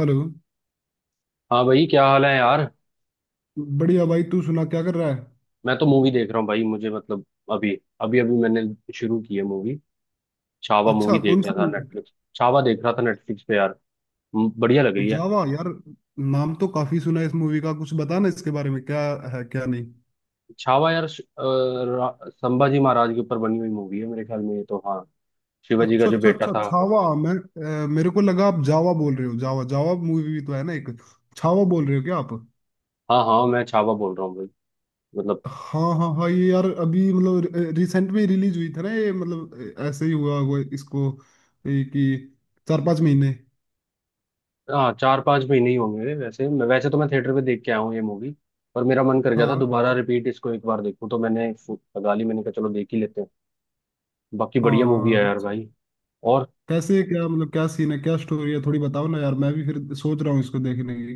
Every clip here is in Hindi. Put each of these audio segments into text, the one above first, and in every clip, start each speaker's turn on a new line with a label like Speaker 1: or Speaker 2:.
Speaker 1: हेलो।
Speaker 2: हाँ भाई, क्या हाल है यार।
Speaker 1: बढ़िया भाई, तू सुना क्या कर रहा है?
Speaker 2: मैं तो मूवी देख रहा हूँ भाई। मुझे मतलब अभी अभी अभी मैंने शुरू की है मूवी। छावा
Speaker 1: अच्छा,
Speaker 2: मूवी देख
Speaker 1: कौन
Speaker 2: रहा
Speaker 1: सी
Speaker 2: था
Speaker 1: मूवी?
Speaker 2: नेटफ्लिक्स, छावा देख रहा था नेटफ्लिक्स पे यार। बढ़िया लग रही है।
Speaker 1: जावा यार। नाम तो काफी सुना है इस मूवी का। कुछ बता ना इसके बारे में, क्या है क्या नहीं।
Speaker 2: छावा यार, संभाजी महाराज के ऊपर बनी हुई मूवी है मेरे ख्याल में ये तो। हाँ, शिवाजी का
Speaker 1: अच्छा
Speaker 2: जो
Speaker 1: अच्छा
Speaker 2: बेटा
Speaker 1: अच्छा,
Speaker 2: था।
Speaker 1: छावा। मैं मेरे को लगा आप जावा बोल रहे हो। जावा, जावा मूवी भी तो है ना एक। छावा बोल रहे हो क्या आप?
Speaker 2: हाँ हाँ, मैं छावा बोल रहा हूँ भाई, मतलब।
Speaker 1: हाँ हाँ हाँ, ये यार अभी मतलब रिसेंट में रिलीज हुई था ना ये, मतलब ऐसे ही हुआ हुआ इसको, ये कि चार पांच महीने।
Speaker 2: हाँ, 4-5 महीने ही होंगे वैसे। मैं वैसे तो मैं थिएटर पे देख के आया हूँ ये मूवी। पर मेरा मन कर गया था
Speaker 1: हाँ
Speaker 2: दोबारा रिपीट इसको एक बार देखूँ, तो मैंने लगा ली। मैंने कहा चलो देख ही लेते हैं। बाकी बढ़िया मूवी
Speaker 1: हाँ।
Speaker 2: है यार भाई। और
Speaker 1: कैसे, क्या मतलब, क्या सीन है, क्या स्टोरी है, थोड़ी बताओ ना यार, मैं भी फिर सोच रहा हूँ इसको देखने की।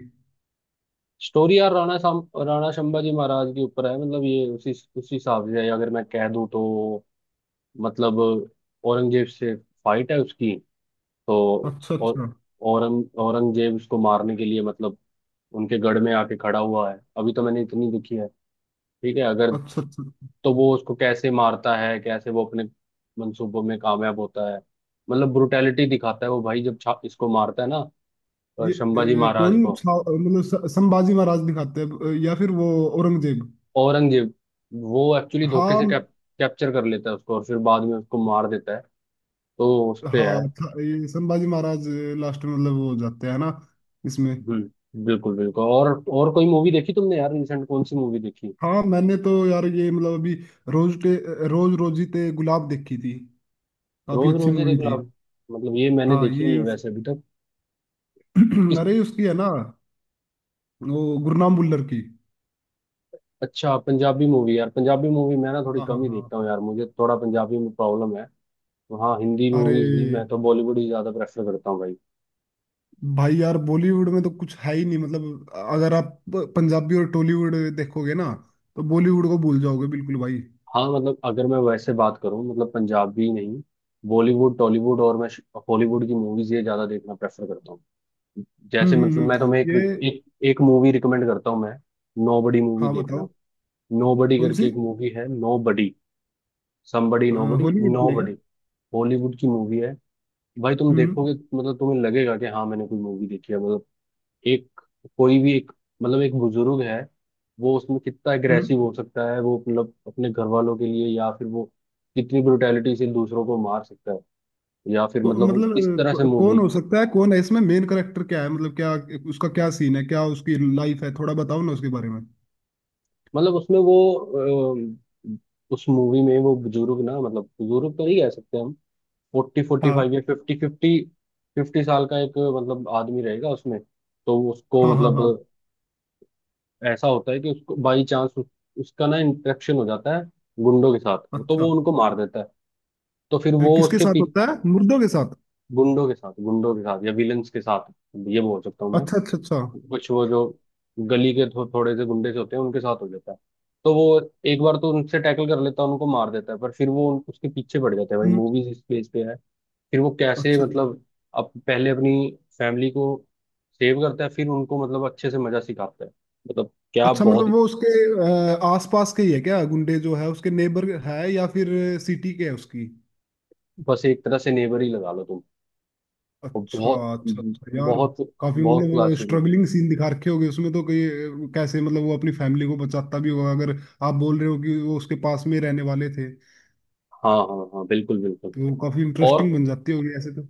Speaker 2: स्टोरी यार, राणा शंबा जी महाराज के ऊपर है। मतलब ये उसी उसी हिसाब से है, अगर मैं कह दूँ तो। मतलब औरंगजेब से फाइट है उसकी तो।
Speaker 1: अच्छा अच्छा
Speaker 2: और औरंगजेब उसको मारने के लिए मतलब उनके गढ़ में आके खड़ा हुआ है। अभी तो मैंने इतनी देखी है, ठीक है अगर।
Speaker 1: अच्छा अच्छा।
Speaker 2: तो वो उसको कैसे मारता है, कैसे वो अपने मंसूबों में कामयाब होता है, मतलब ब्रुटैलिटी दिखाता है वो भाई जब इसको मारता है ना।
Speaker 1: ये
Speaker 2: शंबा जी महाराज को।
Speaker 1: मतलब संभाजी महाराज दिखाते हैं या फिर वो औरंगजेब?
Speaker 2: औरंगजेब वो एक्चुअली धोखे
Speaker 1: हाँ
Speaker 2: से कैप्चर कर लेता है उसको, और फिर बाद में उसको मार देता है। तो उस पे है।
Speaker 1: हाँ ये संभाजी महाराज लास्ट में मतलब वो हो जाते हैं ना इसमें।
Speaker 2: हम्म, बिल्कुल बिल्कुल। और कोई मूवी देखी तुमने यार? रिसेंट कौन सी मूवी देखी?
Speaker 1: हाँ मैंने तो यार ये मतलब अभी रोज टे, रोज रोजी ते गुलाब देखी थी। काफी
Speaker 2: रोज
Speaker 1: अच्छी
Speaker 2: रोज ही
Speaker 1: मूवी
Speaker 2: देख लो
Speaker 1: थी।
Speaker 2: आप। मतलब ये मैंने
Speaker 1: हाँ
Speaker 2: देखी नहीं
Speaker 1: ये
Speaker 2: है वैसे अभी तक। किस?
Speaker 1: अरे उसकी है ना वो, गुरनाम भुल्लर की।
Speaker 2: अच्छा, पंजाबी मूवी यार। पंजाबी मूवी मैं ना थोड़ी
Speaker 1: हाँ हाँ
Speaker 2: कम ही
Speaker 1: हाँ।
Speaker 2: देखता हूँ यार, मुझे थोड़ा पंजाबी में प्रॉब्लम है। तो हाँ, हिंदी
Speaker 1: अरे
Speaker 2: मूवीज ही, मैं तो बॉलीवुड ही ज्यादा प्रेफर करता हूँ भाई।
Speaker 1: भाई यार, बॉलीवुड में तो कुछ है ही नहीं मतलब। अगर आप पंजाबी और टॉलीवुड देखोगे ना तो बॉलीवुड को भूल जाओगे बिल्कुल भाई।
Speaker 2: हाँ मतलब अगर मैं वैसे बात करूँ, मतलब पंजाबी नहीं, बॉलीवुड, टॉलीवुड और मैं हॉलीवुड की मूवीज ये ज्यादा देखना प्रेफर करता हूँ। जैसे, मतलब मैं तुम्हें एक
Speaker 1: ये।
Speaker 2: एक एक मूवी रिकमेंड करता हूँ मैं। नोबडी मूवी
Speaker 1: हाँ
Speaker 2: देखना।
Speaker 1: बताओ।
Speaker 2: नोबडी
Speaker 1: कौन सी?
Speaker 2: करके एक मूवी है, नोबडी। समबडी
Speaker 1: अ,
Speaker 2: नोबडी,
Speaker 1: हॉलीवुड की है क्या?
Speaker 2: नोबडी। हॉलीवुड की मूवी है भाई। तुम
Speaker 1: हम्म
Speaker 2: देखोगे मतलब तुम्हें लगेगा कि हाँ मैंने कोई मूवी देखी है, मतलब। एक, कोई भी एक, मतलब एक बुजुर्ग है। वो उसमें कितना
Speaker 1: हम्म।
Speaker 2: अग्रेसिव हो सकता है वो, मतलब अपने घर वालों के लिए, या फिर वो कितनी ब्रुटैलिटी से दूसरों को मार सकता है, या फिर मतलब वो इस
Speaker 1: मतलब
Speaker 2: तरह से
Speaker 1: कौन
Speaker 2: मूवी।
Speaker 1: हो सकता है, कौन है इसमें मेन करेक्टर, क्या है मतलब, क्या उसका क्या सीन है, क्या उसकी लाइफ है? थोड़ा बताओ ना उसके बारे में।
Speaker 2: मतलब उसमें वो अ, उस मूवी में वो बुजुर्ग ना, मतलब बुजुर्ग तो नहीं कह सकते हम। फोर्टी फोर्टी फाइव
Speaker 1: हाँ
Speaker 2: या फिफ्टी फिफ्टी फिफ्टी साल का एक, मतलब आदमी रहेगा उसमें। तो उसको
Speaker 1: हाँ हाँ
Speaker 2: मतलब
Speaker 1: हाँ।
Speaker 2: ऐसा होता है कि उसको बाई चांस उसका ना इंटरेक्शन हो जाता है गुंडों के साथ। तो
Speaker 1: अच्छा,
Speaker 2: वो उनको मार देता है। तो फिर वो
Speaker 1: किसके
Speaker 2: उसके
Speaker 1: साथ
Speaker 2: पी
Speaker 1: होता है, मुर्दों के साथ?
Speaker 2: गुंडों के साथ, गुंडों के साथ या विलन्स के साथ, ये बोल सकता हूँ मैं।
Speaker 1: अच्छा अच्छा अच्छा।
Speaker 2: कुछ वो जो गली के थोड़े से गुंडे से होते हैं उनके साथ हो जाता है। तो वो एक बार तो उनसे टैकल कर लेता है, उनको मार देता है, पर फिर वो उसके पीछे पड़ जाता है भाई।
Speaker 1: हम्म।
Speaker 2: मूवीज इस बेस पे है। फिर वो कैसे
Speaker 1: अच्छा अच्छा
Speaker 2: मतलब अब पहले अपनी फैमिली को सेव करता है, फिर उनको मतलब अच्छे से मजा सिखाता है, मतलब क्या
Speaker 1: अच्छा, मतलब
Speaker 2: बहुत।
Speaker 1: वो उसके आसपास के ही है क्या, गुंडे जो है उसके नेबर है या फिर सिटी के है उसकी?
Speaker 2: बस एक तरह से नेबर ही लगा लो तुम। वो
Speaker 1: अच्छा
Speaker 2: बहुत
Speaker 1: अच्छा अच्छा यार।
Speaker 2: बहुत
Speaker 1: काफी
Speaker 2: बहुत
Speaker 1: मतलब
Speaker 2: क्लासिक।
Speaker 1: स्ट्रगलिंग सीन दिखा रखे होगे उसमें तो कई। कैसे मतलब वो अपनी फैमिली को बचाता भी होगा, अगर आप बोल रहे हो कि वो उसके पास में रहने वाले थे
Speaker 2: हाँ हाँ हाँ, बिल्कुल बिल्कुल।
Speaker 1: तो काफी इंटरेस्टिंग
Speaker 2: और
Speaker 1: बन जाती होगी ऐसे तो।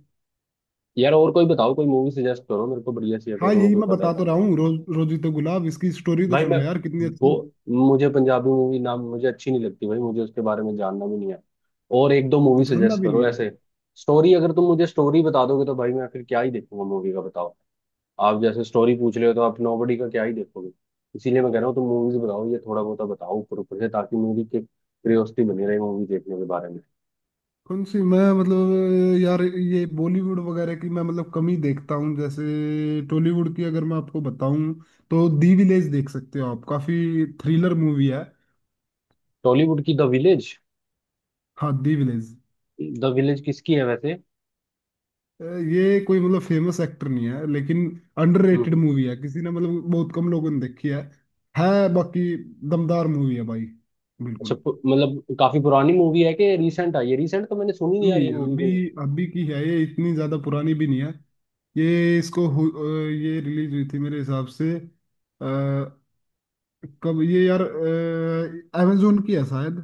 Speaker 2: यार और कोई बताओ, कोई मूवी सजेस्ट करो मेरे को बढ़िया सी, अगर
Speaker 1: हाँ
Speaker 2: तुम्हें
Speaker 1: यही
Speaker 2: कोई
Speaker 1: मैं
Speaker 2: पता
Speaker 1: बता तो
Speaker 2: था।
Speaker 1: रहा हूँ, रोज रोजी तो गुलाब, इसकी स्टोरी तो
Speaker 2: भाई मैं,
Speaker 1: सुनो यार कितनी
Speaker 2: वो,
Speaker 1: अच्छी।
Speaker 2: मुझे पंजाबी मूवी नाम मुझे अच्छी नहीं लगती भाई, मुझे उसके बारे में जानना भी नहीं है। और एक दो मूवी
Speaker 1: जानना
Speaker 2: सजेस्ट
Speaker 1: भी
Speaker 2: करो
Speaker 1: नहीं?
Speaker 2: ऐसे। स्टोरी अगर तुम मुझे स्टोरी बता दोगे तो भाई मैं फिर क्या ही देखूंगा मूवी का, बताओ। आप जैसे स्टोरी पूछ रहे हो तो आप नोबडी का क्या ही देखोगे। इसीलिए मैं कह रहा हूँ तुम मूवीज बताओ, ये थोड़ा बहुत बताओ ऊपर ऊपर से, ताकि मूवी की क्यूरियोसिटी बनी रहे मूवी देखने के बारे में।
Speaker 1: कौन सी? मैं मतलब यार, ये बॉलीवुड वगैरह की मैं मतलब कम ही देखता हूँ। जैसे टॉलीवुड की अगर मैं आपको बताऊं, तो दी विलेज देख सकते हो आप, काफी थ्रिलर मूवी है।
Speaker 2: टॉलीवुड की द विलेज?
Speaker 1: हाँ दी विलेज।
Speaker 2: द विलेज किसकी है वैसे?
Speaker 1: ये कोई मतलब फेमस एक्टर नहीं है लेकिन अंडररेटेड
Speaker 2: हम्म।
Speaker 1: मूवी है, किसी ने मतलब बहुत कम लोगों ने देखी है। है बाकी दमदार मूवी है भाई,
Speaker 2: अच्छा,
Speaker 1: बिल्कुल।
Speaker 2: मतलब काफी पुरानी मूवी है कि रिसेंट आई है? रिसेंट तो मैंने सुनी नहीं यार
Speaker 1: नहीं
Speaker 2: ये मूवी कोई।
Speaker 1: अभी अभी की है ये, इतनी ज्यादा पुरानी भी नहीं है ये। इसको ये रिलीज हुई थी मेरे हिसाब से कब ये यार? अमेजोन की है शायद।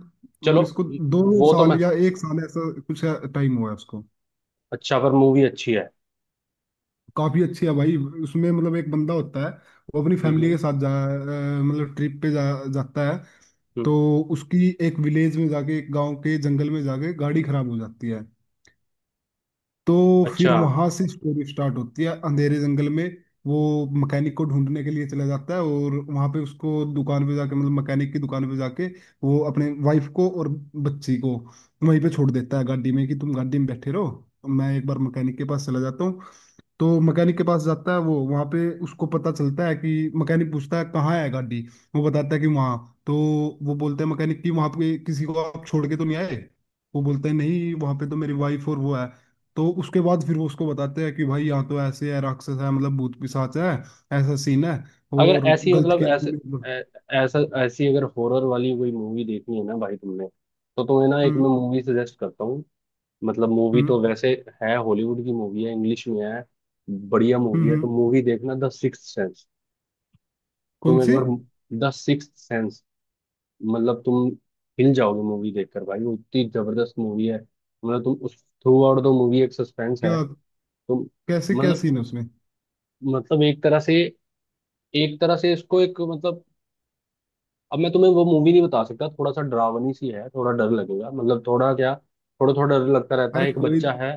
Speaker 2: चलो,
Speaker 1: और इसको दो
Speaker 2: वो तो
Speaker 1: साल
Speaker 2: मैं।
Speaker 1: या एक साल ऐसा कुछ टाइम हुआ है उसको।
Speaker 2: अच्छा पर मूवी अच्छी है?
Speaker 1: काफी अच्छी है भाई। उसमें मतलब एक बंदा होता है, वो अपनी
Speaker 2: हम्म
Speaker 1: फैमिली के
Speaker 2: हम्म
Speaker 1: साथ मतलब ट्रिप पे जा जाता है। तो
Speaker 2: हम्म।
Speaker 1: उसकी एक विलेज में जाके, एक गांव के जंगल में जाके, गाड़ी खराब हो जाती है। तो फिर
Speaker 2: अच्छा।
Speaker 1: वहां से स्टोरी स्टार्ट होती है। अंधेरे जंगल में वो मैकेनिक को ढूंढने के लिए चला जाता है, और वहां पे उसको दुकान पे जाके मतलब मैकेनिक की दुकान पे जाके वो अपने वाइफ को और बच्ची को वहीं पे छोड़ देता है गाड़ी में, कि तुम गाड़ी में बैठे रहो, तो मैं एक बार मैकेनिक के पास चला जाता हूँ। तो मैकेनिक के पास जाता है वो, वहां पे उसको पता चलता है कि मैकेनिक पूछता है कहाँ है गाड़ी। वो बताता है कि वहां। तो वो बोलते हैं मैकेनिक कि वहां पे किसी को आप छोड़ के तो नहीं आए? वो बोलता है नहीं, वहां पे तो मेरी वाइफ और वो है। तो उसके बाद फिर वो उसको बताते हैं कि भाई यहाँ तो ऐसे है, राक्षस है मतलब, भूत पिशाच है, ऐसा सीन है।
Speaker 2: अगर
Speaker 1: और
Speaker 2: ऐसी
Speaker 1: गलत
Speaker 2: मतलब
Speaker 1: किया
Speaker 2: ऐसे
Speaker 1: तूने मतलब।
Speaker 2: ऐ- ऐसा ऐसी, अगर हॉरर वाली कोई मूवी देखनी है ना भाई तुमने, तो तुम्हें ना एक
Speaker 1: हम्म
Speaker 2: मैं मूवी सजेस्ट करता हूँ। मतलब मूवी
Speaker 1: हम्म
Speaker 2: तो वैसे है, हॉलीवुड की मूवी है, इंग्लिश में है, बढ़िया
Speaker 1: हम्म
Speaker 2: मूवी है। तो
Speaker 1: हम्म।
Speaker 2: मूवी देखना, द सिक्स्थ सेंस।
Speaker 1: कौन
Speaker 2: तुम एक
Speaker 1: सी?
Speaker 2: बार, द सिक्स्थ सेंस, मतलब तुम हिल जाओगे मूवी देखकर भाई, वो इतनी जबरदस्त मूवी है। मतलब तुम उस थ्रू आउट द मूवी एक सस्पेंस
Speaker 1: क्या?
Speaker 2: है। तुम
Speaker 1: कैसे, क्या
Speaker 2: मतलब,
Speaker 1: सीन है उसमें?
Speaker 2: एक तरह से, इसको एक, मतलब अब मैं तुम्हें वो मूवी नहीं बता सकता। थोड़ा सा डरावनी सी है, थोड़ा डर लगेगा मतलब, थोड़ा क्या, थोड़ा थोड़ा डर लगता रहता
Speaker 1: अरे
Speaker 2: है। एक
Speaker 1: कोई
Speaker 2: बच्चा है,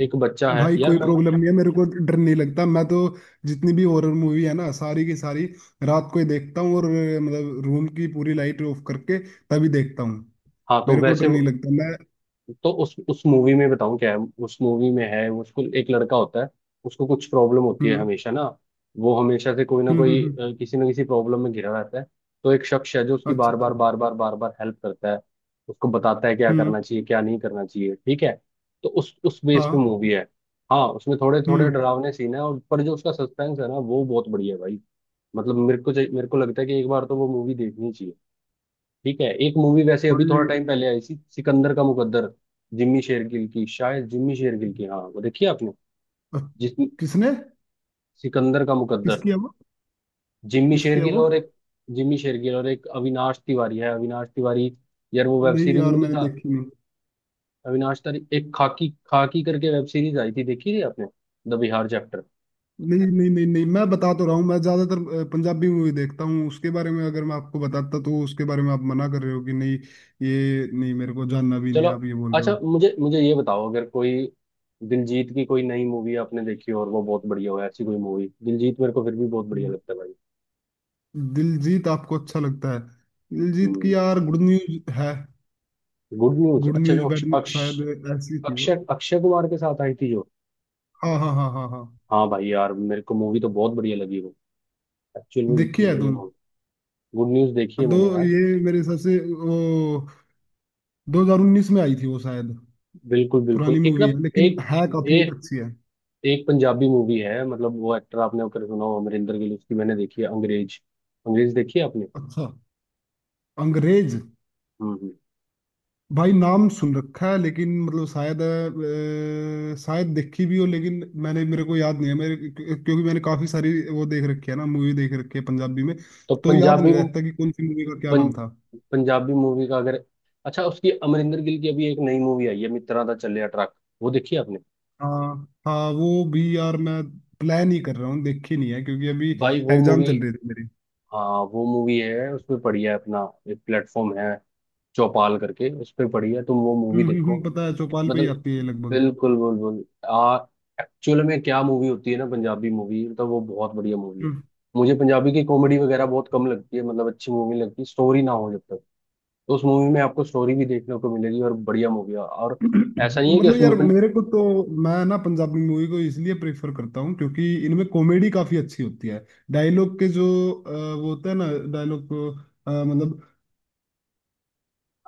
Speaker 2: एक बच्चा है
Speaker 1: भाई,
Speaker 2: यार
Speaker 1: कोई
Speaker 2: मैं।
Speaker 1: प्रॉब्लम नहीं है, मेरे को डर नहीं लगता। मैं तो जितनी भी हॉरर मूवी है ना सारी की सारी रात को ही देखता हूँ, और मतलब रूम की पूरी लाइट ऑफ करके तभी देखता हूँ।
Speaker 2: हाँ तो
Speaker 1: मेरे को
Speaker 2: वैसे
Speaker 1: डर नहीं
Speaker 2: वो-
Speaker 1: लगता मैं।
Speaker 2: तो उस मूवी में बताऊं क्या है। उस मूवी में है वो उसको एक लड़का होता है, उसको कुछ प्रॉब्लम होती है
Speaker 1: हम्म
Speaker 2: हमेशा ना। वो हमेशा से कोई ना कोई
Speaker 1: हम्म।
Speaker 2: किसी ना किसी प्रॉब्लम में घिरा रहता है। तो एक शख्स है जो उसकी
Speaker 1: अच्छा
Speaker 2: बार बार
Speaker 1: अच्छा।
Speaker 2: बार बार बार बार हेल्प करता है, उसको बताता है क्या
Speaker 1: हम्म।
Speaker 2: करना चाहिए क्या नहीं करना चाहिए, ठीक है। तो उस बेस पे
Speaker 1: हाँ।
Speaker 2: मूवी है। हाँ उसमें थोड़े थोड़े
Speaker 1: हम्म।
Speaker 2: डरावने सीन है, और पर जो उसका सस्पेंस है ना वो बहुत बढ़िया है भाई। मतलब मेरे को लगता है कि एक बार तो वो मूवी देखनी चाहिए। ठीक है, एक मूवी वैसे अभी थोड़ा
Speaker 1: भाई
Speaker 2: टाइम पहले आई थी, सिकंदर का मुकद्दर, जिम्मी शेरगिल की, हाँ। वो देखी आपने?
Speaker 1: अ,
Speaker 2: जिस,
Speaker 1: किसने?
Speaker 2: सिकंदर का मुकद्दर।
Speaker 1: किसकी है वो?
Speaker 2: जिम्मी
Speaker 1: किसकी है
Speaker 2: शेरगिल
Speaker 1: वो?
Speaker 2: और एक जिम्मी शेरगिल और एक अविनाश तिवारी है। अविनाश तिवारी यार वो वेब
Speaker 1: नहीं
Speaker 2: सीरीज
Speaker 1: यार,
Speaker 2: में नहीं
Speaker 1: मैंने
Speaker 2: था?
Speaker 1: देखी नहीं।
Speaker 2: अविनाश तिवारी, एक खाकी खाकी करके वेब सीरीज आई थी, देखी थी आपने? The Bihar chapter.
Speaker 1: नहीं नहीं नहीं नहीं, मैं बता तो रहा हूँ, मैं ज्यादातर पंजाबी मूवी देखता हूँ। उसके बारे में अगर मैं आपको बताता, तो उसके बारे में आप मना कर रहे हो कि नहीं ये नहीं, मेरे को जानना भी नहीं
Speaker 2: चलो।
Speaker 1: है, आप ये बोल रहे
Speaker 2: अच्छा,
Speaker 1: हो।
Speaker 2: मुझे मुझे ये बताओ, अगर कोई दिलजीत की कोई नई मूवी आपने देखी हो और वो बहुत बढ़िया हो ऐसी कोई मूवी। दिलजीत मेरे को फिर भी बहुत बढ़िया लगता है भाई।
Speaker 1: दिलजीत आपको अच्छा लगता है? दिलजीत
Speaker 2: हम्म।
Speaker 1: की यार गुड न्यूज है।
Speaker 2: गुड न्यूज,
Speaker 1: गुड
Speaker 2: अच्छा जो
Speaker 1: न्यूज
Speaker 2: अक्ष
Speaker 1: बैड न्यूज
Speaker 2: अक्ष
Speaker 1: शायद ऐसी थी वो।
Speaker 2: अक्षय अक्षय कुमार के साथ आई थी जो।
Speaker 1: हाँ हाँ हाँ हाँ हाँ।
Speaker 2: हाँ भाई यार, मेरे को मूवी तो बहुत बढ़िया लगी वो, एक्चुअल
Speaker 1: देखी
Speaker 2: में
Speaker 1: है
Speaker 2: बढ़िया
Speaker 1: तुम?
Speaker 2: मूवी। गुड न्यूज देखी है
Speaker 1: दो
Speaker 2: मैंने यार।
Speaker 1: ये, मेरे हिसाब से वो 2019 में आई थी वो शायद।
Speaker 2: बिल्कुल
Speaker 1: पुरानी
Speaker 2: बिल्कुल। एक ना
Speaker 1: मूवी है लेकिन
Speaker 2: एक
Speaker 1: है काफी
Speaker 2: एक,
Speaker 1: अच्छी है।
Speaker 2: एक पंजाबी मूवी है, मतलब वो एक्टर आपने अगर सुना हो, अमरिंदर गिल, उसकी मैंने देखी है अंग्रेज। अंग्रेज देखी है आपने?
Speaker 1: अच्छा अंग्रेज।
Speaker 2: हम्म हम्म।
Speaker 1: भाई नाम सुन रखा है लेकिन मतलब शायद शायद देखी भी हो लेकिन मैंने मेरे को याद नहीं है मेरे, क्योंकि मैंने काफी सारी वो देख रखी है ना मूवी, देख रखी है पंजाबी में।
Speaker 2: तो
Speaker 1: तो याद
Speaker 2: पंजाबी,
Speaker 1: नहीं रहता कि कौन सी मूवी का क्या
Speaker 2: पं,
Speaker 1: नाम था।
Speaker 2: पंजाबी मूवी का अगर। अच्छा, उसकी अमरिंदर गिल की अभी एक नई मूवी आई है, मित्रा दा चले ट्रक। वो देखी है आपने?
Speaker 1: हाँ हाँ वो भी यार मैं प्लान ही कर रहा हूँ, देखी नहीं है क्योंकि अभी
Speaker 2: भाई वो
Speaker 1: एग्जाम
Speaker 2: मूवी,
Speaker 1: चल रही थी मेरी।
Speaker 2: हाँ वो मूवी है उसमें पड़ी है। अपना एक प्लेटफॉर्म है चौपाल करके, उस पे पड़ी है, तुम वो मूवी देखो।
Speaker 1: हम्म। पता है चौपाल पे ही
Speaker 2: मतलब,
Speaker 1: आती है लगभग।
Speaker 2: बिल्कुल बिल्कुल। आ, एक्चुअल में क्या मूवी होती है ना, पंजाबी मूवी मतलब वो बहुत बढ़िया मूवी है। मुझे पंजाबी की कॉमेडी
Speaker 1: हम्म।
Speaker 2: वगैरह बहुत कम लगती है, मतलब अच्छी मूवी लगती है स्टोरी ना हो जब तक। तो उस मूवी में आपको स्टोरी भी देखने को मिलेगी और बढ़िया मूवी है। और ऐसा नहीं है कि
Speaker 1: मतलब यार
Speaker 2: उसमें पन...
Speaker 1: मेरे को तो, मैं ना पंजाबी मूवी को इसलिए प्रेफर करता हूँ क्योंकि इनमें कॉमेडी काफी अच्छी होती है। डायलॉग के जो वो होता है ना, डायलॉग को मतलब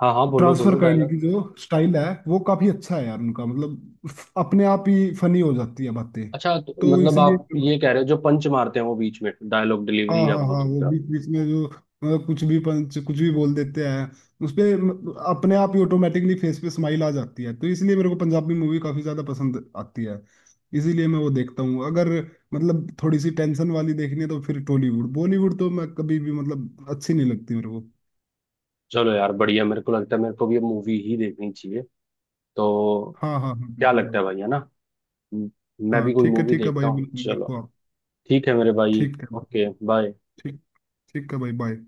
Speaker 2: हाँ हाँ, बोलो
Speaker 1: ट्रांसफर
Speaker 2: बोलो
Speaker 1: करने
Speaker 2: डायलॉग।
Speaker 1: की जो स्टाइल है वो काफी अच्छा है यार उनका, मतलब अपने आप ही फनी हो जाती है बातें,
Speaker 2: अच्छा तो,
Speaker 1: तो
Speaker 2: मतलब
Speaker 1: इसलिए।
Speaker 2: आप ये कह रहे हो जो पंच मारते हैं वो बीच में, डायलॉग
Speaker 1: हाँ
Speaker 2: डिलीवरी या
Speaker 1: हाँ
Speaker 2: बोल
Speaker 1: हाँ, वो
Speaker 2: सकते हो।
Speaker 1: बीच बीच में जो मतलब कुछ भी पंच कुछ भी बोल देते हैं, उस पे अपने आप ही ऑटोमेटिकली फेस पे स्माइल आ जाती है। तो इसलिए मेरे को पंजाबी मूवी काफी ज्यादा पसंद आती है, इसीलिए मैं वो देखता हूँ। अगर मतलब थोड़ी सी टेंशन वाली देखनी है तो फिर टॉलीवुड बॉलीवुड तो मैं कभी भी मतलब अच्छी नहीं लगती मेरे को।
Speaker 2: चलो यार बढ़िया, मेरे को लगता है मेरे को भी अब मूवी ही देखनी चाहिए तो।
Speaker 1: हाँ हाँ हाँ
Speaker 2: क्या
Speaker 1: बिल्कुल
Speaker 2: लगता
Speaker 1: भाई।
Speaker 2: है भाई, है ना। म- मैं भी
Speaker 1: हाँ
Speaker 2: कोई मूवी
Speaker 1: ठीक है
Speaker 2: देखता
Speaker 1: भाई,
Speaker 2: हूँ,
Speaker 1: बिल्कुल
Speaker 2: चलो।
Speaker 1: देखो आप।
Speaker 2: ठीक है मेरे भाई,
Speaker 1: ठीक है भाई,
Speaker 2: ओके बाय।
Speaker 1: ठीक ठीक है भाई, बाय।